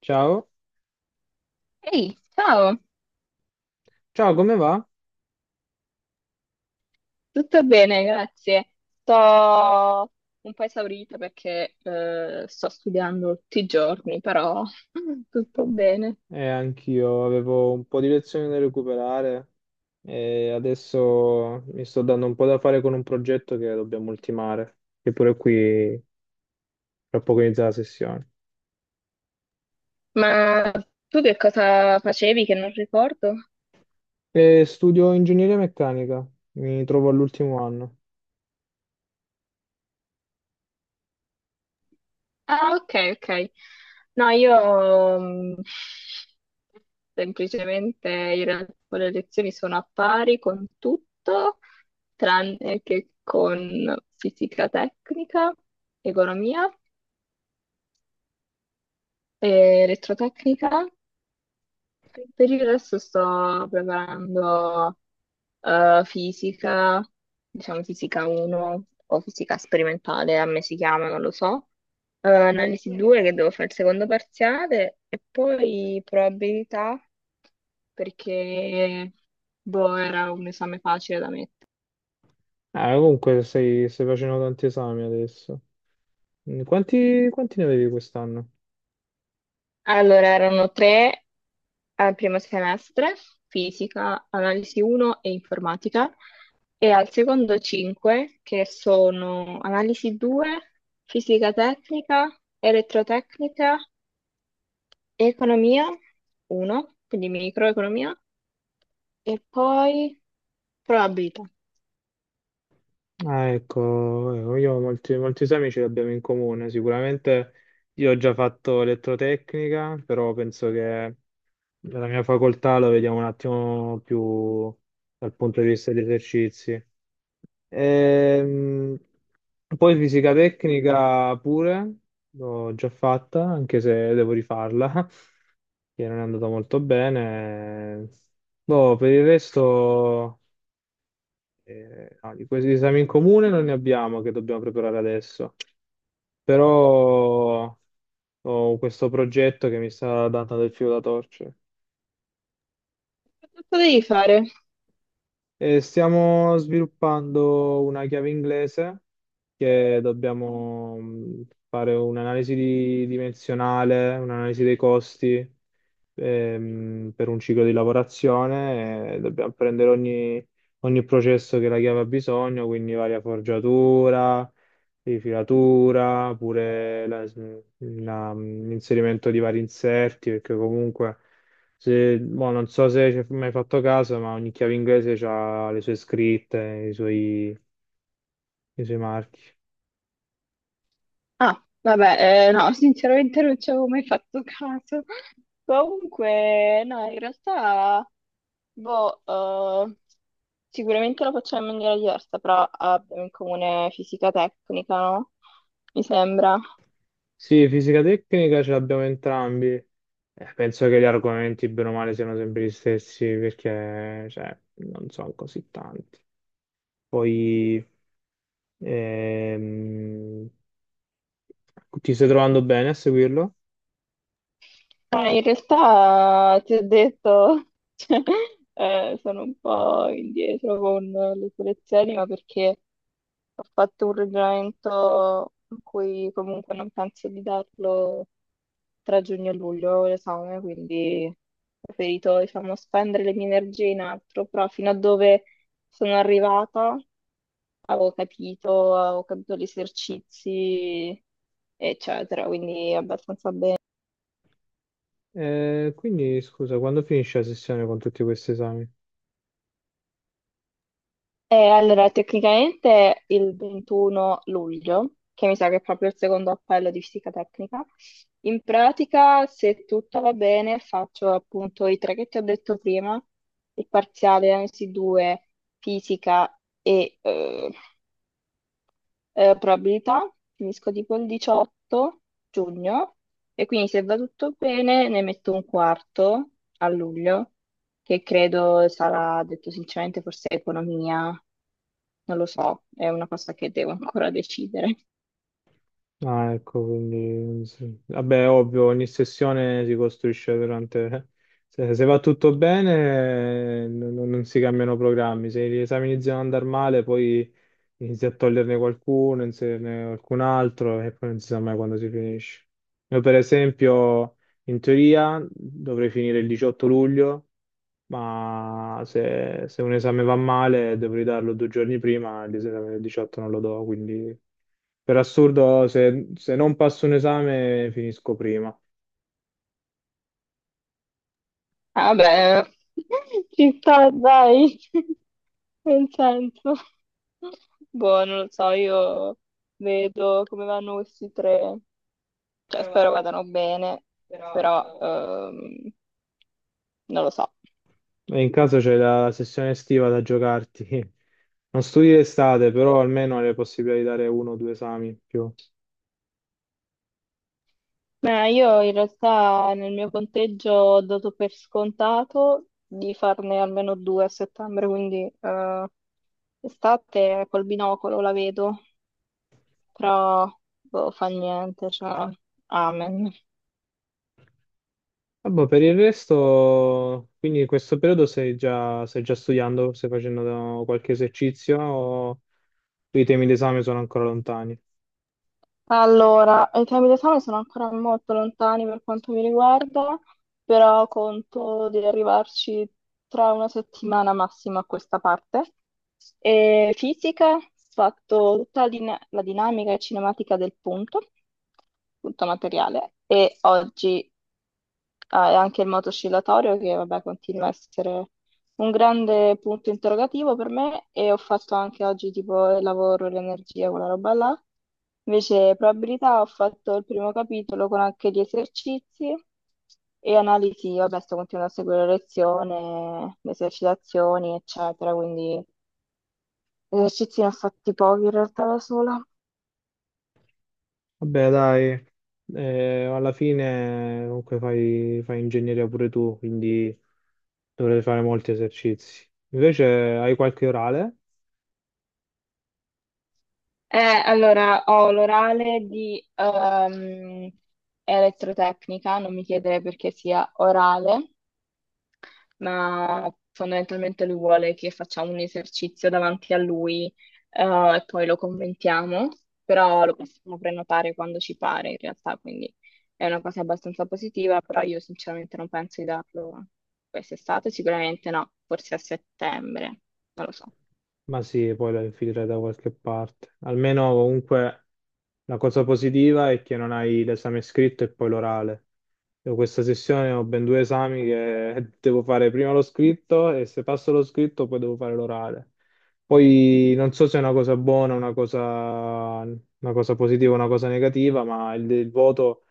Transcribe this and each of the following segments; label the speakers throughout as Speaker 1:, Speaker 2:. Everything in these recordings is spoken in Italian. Speaker 1: Ciao,
Speaker 2: Ehi, ciao,
Speaker 1: ciao, come va?
Speaker 2: tutto bene, grazie. Sto un po' esaurita perché sto studiando tutti i giorni, però tutto bene.
Speaker 1: Anch'io avevo un po' di lezioni da recuperare e adesso mi sto dando un po' da fare con un progetto che dobbiamo ultimare, che pure qui tra poco inizia la sessione.
Speaker 2: Ma tu che cosa facevi che non ricordo?
Speaker 1: Studio ingegneria meccanica, mi trovo all'ultimo anno.
Speaker 2: Ah, ok, ok. No, io, semplicemente in realtà con le lezioni sono a pari con tutto, tranne che con fisica tecnica, economia e elettrotecnica. Per il resto sto preparando fisica, diciamo fisica 1 o fisica sperimentale, a me si chiama, non lo so. Analisi 2 che devo fare il secondo parziale e poi probabilità perché boh, era un esame facile da mettere.
Speaker 1: Ah, comunque stai facendo tanti esami adesso. Quanti, quanti ne avevi quest'anno?
Speaker 2: Allora, erano tre al primo semestre, fisica, analisi 1 e informatica, e al secondo 5, che sono analisi 2, fisica tecnica, elettrotecnica, economia 1, quindi microeconomia, e poi probabilità.
Speaker 1: Ah, ecco, ecco, io ho molti esami ce li abbiamo in comune. Sicuramente io ho già fatto elettrotecnica, però penso che nella mia facoltà lo vediamo un attimo più dal punto di vista degli esercizi. Ehm, Poi fisica tecnica pure, l'ho già fatta, anche se devo rifarla, che non è andata molto bene. Boh, per il resto. No, di questi esami in comune non ne abbiamo che dobbiamo preparare adesso, però ho questo progetto che mi sta dando del filo da torcere.
Speaker 2: Cosa devi fare?
Speaker 1: E stiamo sviluppando una chiave inglese che dobbiamo fare dimensionale, un'analisi dei costi per un ciclo di lavorazione, dobbiamo prendere ogni processo che la chiave ha bisogno, quindi varia forgiatura, rifilatura, l'inserimento di vari inserti, perché comunque, se, boh, non so se ci hai mai fatto caso, ma ogni chiave inglese ha le sue scritte, i suoi marchi.
Speaker 2: Ah, vabbè, no, sinceramente non ci avevo mai fatto caso. Comunque, no, in realtà, boh, sicuramente lo facciamo in maniera diversa, però abbiamo in comune fisica tecnica, no? Mi sembra.
Speaker 1: Sì, fisica tecnica ce l'abbiamo entrambi. Penso che gli argomenti, bene o male, siano sempre gli stessi perché, cioè, non sono così tanti. Poi ehm, ti stai trovando bene a seguirlo?
Speaker 2: Ma in realtà ti ho detto, cioè, sono un po' indietro con le selezioni, ma perché ho fatto un ragionamento in cui comunque non penso di darlo tra giugno e luglio l'esame, quindi ho preferito, diciamo, spendere le mie energie in altro, però fino a dove sono arrivata avevo capito gli esercizi, eccetera, quindi abbastanza bene.
Speaker 1: Quindi, scusa, quando finisce la sessione con tutti questi esami?
Speaker 2: Allora, tecnicamente il 21 luglio, che mi sa che è proprio il secondo appello di fisica tecnica, in pratica, se tutto va bene, faccio appunto i tre che ti ho detto prima, il parziale analisi 2, fisica e probabilità, finisco tipo il 18 giugno e quindi se va tutto bene ne metto un quarto a luglio, che credo sarà, detto sinceramente, forse economia, non lo so, è una cosa che devo ancora decidere.
Speaker 1: Ah, ecco, quindi sì. Vabbè, ovvio, ogni sessione si costruisce durante... Se va tutto bene, non si cambiano programmi. Se gli esami iniziano ad andare male, poi inizi a toglierne qualcuno, inserirne qualcun altro e poi non si sa mai quando si finisce. Io, per esempio, in teoria dovrei finire il 18 luglio, ma se un esame va male dovrei darlo due giorni prima, l'esame del 18 non lo do, quindi per assurdo se non passo un esame finisco prima.
Speaker 2: Ah, vabbè, ci sta, dai, nel senso. Boh, non lo so, io vedo come vanno questi tre, cioè spero vadano bene, però non lo so.
Speaker 1: E in caso c'è la sessione estiva da giocarti. Non studi l'estate, però almeno hai la possibilità di dare uno o due esami in più.
Speaker 2: Ma io in realtà nel mio conteggio ho dato per scontato di farne almeno due a settembre, quindi estate col binocolo la vedo, però boh, fa niente, cioè, amen.
Speaker 1: Vabbè, per il resto, quindi in questo periodo stai già studiando, stai qualche esercizio o i temi d'esame sono ancora lontani?
Speaker 2: Allora, i temi d'esame sono ancora molto lontani per quanto mi riguarda, però conto di arrivarci tra una settimana massima a questa parte. E fisica, ho fatto tutta la dinamica e cinematica del punto, punto materiale, e oggi ah, è anche il moto oscillatorio che vabbè, continua a essere un grande punto interrogativo per me e ho fatto anche oggi tipo il lavoro, l'energia, quella roba là. Invece probabilità ho fatto il primo capitolo con anche gli esercizi e analisi, vabbè sto continuando a seguire la lezione, le esercitazioni eccetera, quindi esercizi ne ho fatti pochi in realtà da sola.
Speaker 1: Vabbè, dai, alla fine comunque fai ingegneria pure tu, quindi dovrai fare molti esercizi. Invece hai qualche orale?
Speaker 2: Eh, allora ho l'orale di elettrotecnica, non mi chiedere perché sia orale. Ma fondamentalmente lui vuole che facciamo un esercizio davanti a lui, eh, e poi lo commentiamo, però lo possiamo prenotare quando ci pare in realtà, quindi è una cosa abbastanza positiva, però io sinceramente non penso di darlo quest'estate, sicuramente no, forse a settembre, non lo so.
Speaker 1: Ma sì, poi la infilerai da qualche parte. Almeno comunque la cosa positiva è che non hai l'esame scritto e poi l'orale. Io questa sessione ho ben due esami che devo fare prima lo scritto e se passo lo scritto poi devo fare l'orale. Poi non so se è una cosa buona, una cosa positiva, o una cosa negativa, ma il voto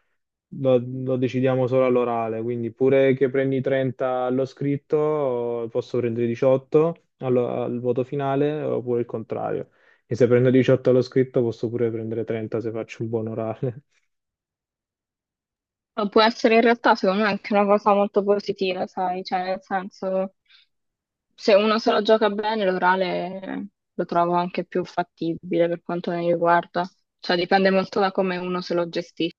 Speaker 1: lo decidiamo solo all'orale, quindi pure che prendi 30 allo scritto, posso prendere 18 al voto finale oppure il contrario. E se prendo 18 allo scritto posso pure prendere 30 se faccio un buon orale.
Speaker 2: Ma può essere in realtà secondo me anche una cosa molto positiva, sai, cioè nel senso... Se uno se lo gioca bene, l'orale lo trovo anche più fattibile per quanto mi riguarda. Cioè, dipende molto da come uno se lo gestisce.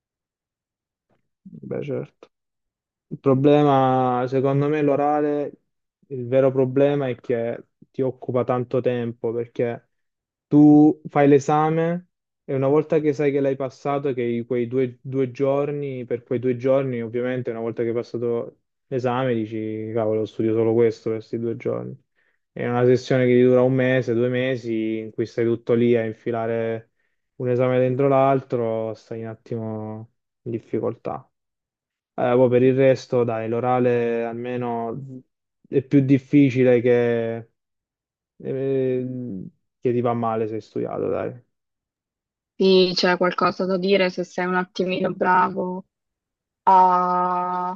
Speaker 1: Beh, certo. Il problema, secondo me, l'orale, il vero problema è che ti occupa tanto tempo perché tu fai l'esame e una volta che sai che l'hai passato, che quei due giorni, per quei due giorni, ovviamente, una volta che hai passato l'esame, dici, cavolo, studio solo questo per questi due giorni. È una sessione che ti dura un mese, due mesi, in cui stai tutto lì a infilare un esame dentro l'altro, stai un attimo in difficoltà. Poi per il resto, dai, l'orale almeno è più difficile eh, che ti va male se hai studiato, dai.
Speaker 2: Sì, c'è qualcosa da dire, se sei un attimino bravo a-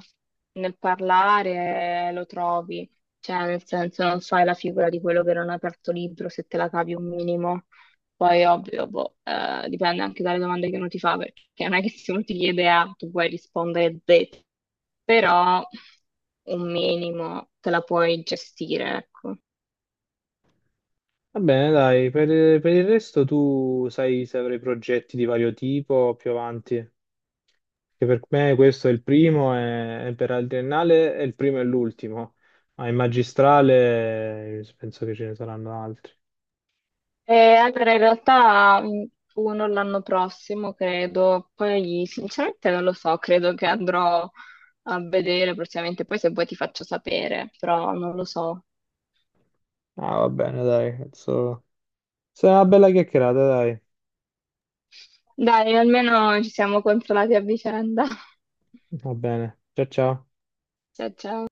Speaker 2: nel parlare lo trovi, cioè nel senso non fai la figura di quello che non ha aperto libro se te la cavi un minimo. Poi ovvio, boh, dipende anche dalle domande che uno ti fa, perché non è che se uno ti chiede A, tu puoi rispondere Z, però un minimo te la puoi gestire, ecco.
Speaker 1: Va bene, dai, per il resto tu sai se avrai progetti di vario tipo più avanti, che per me questo è il primo e per la triennale è il primo e l'ultimo, ma in magistrale penso che ce ne saranno altri.
Speaker 2: Allora, in realtà uno l'anno prossimo, credo, poi sinceramente non lo so, credo che andrò a vedere prossimamente, poi se vuoi ti faccio sapere, però non lo so.
Speaker 1: Ah, va bene, dai, penso... Sarà una bella chiacchierata, dai.
Speaker 2: Dai, almeno ci siamo consolati a vicenda.
Speaker 1: Va bene, ciao ciao.
Speaker 2: Ciao, ciao.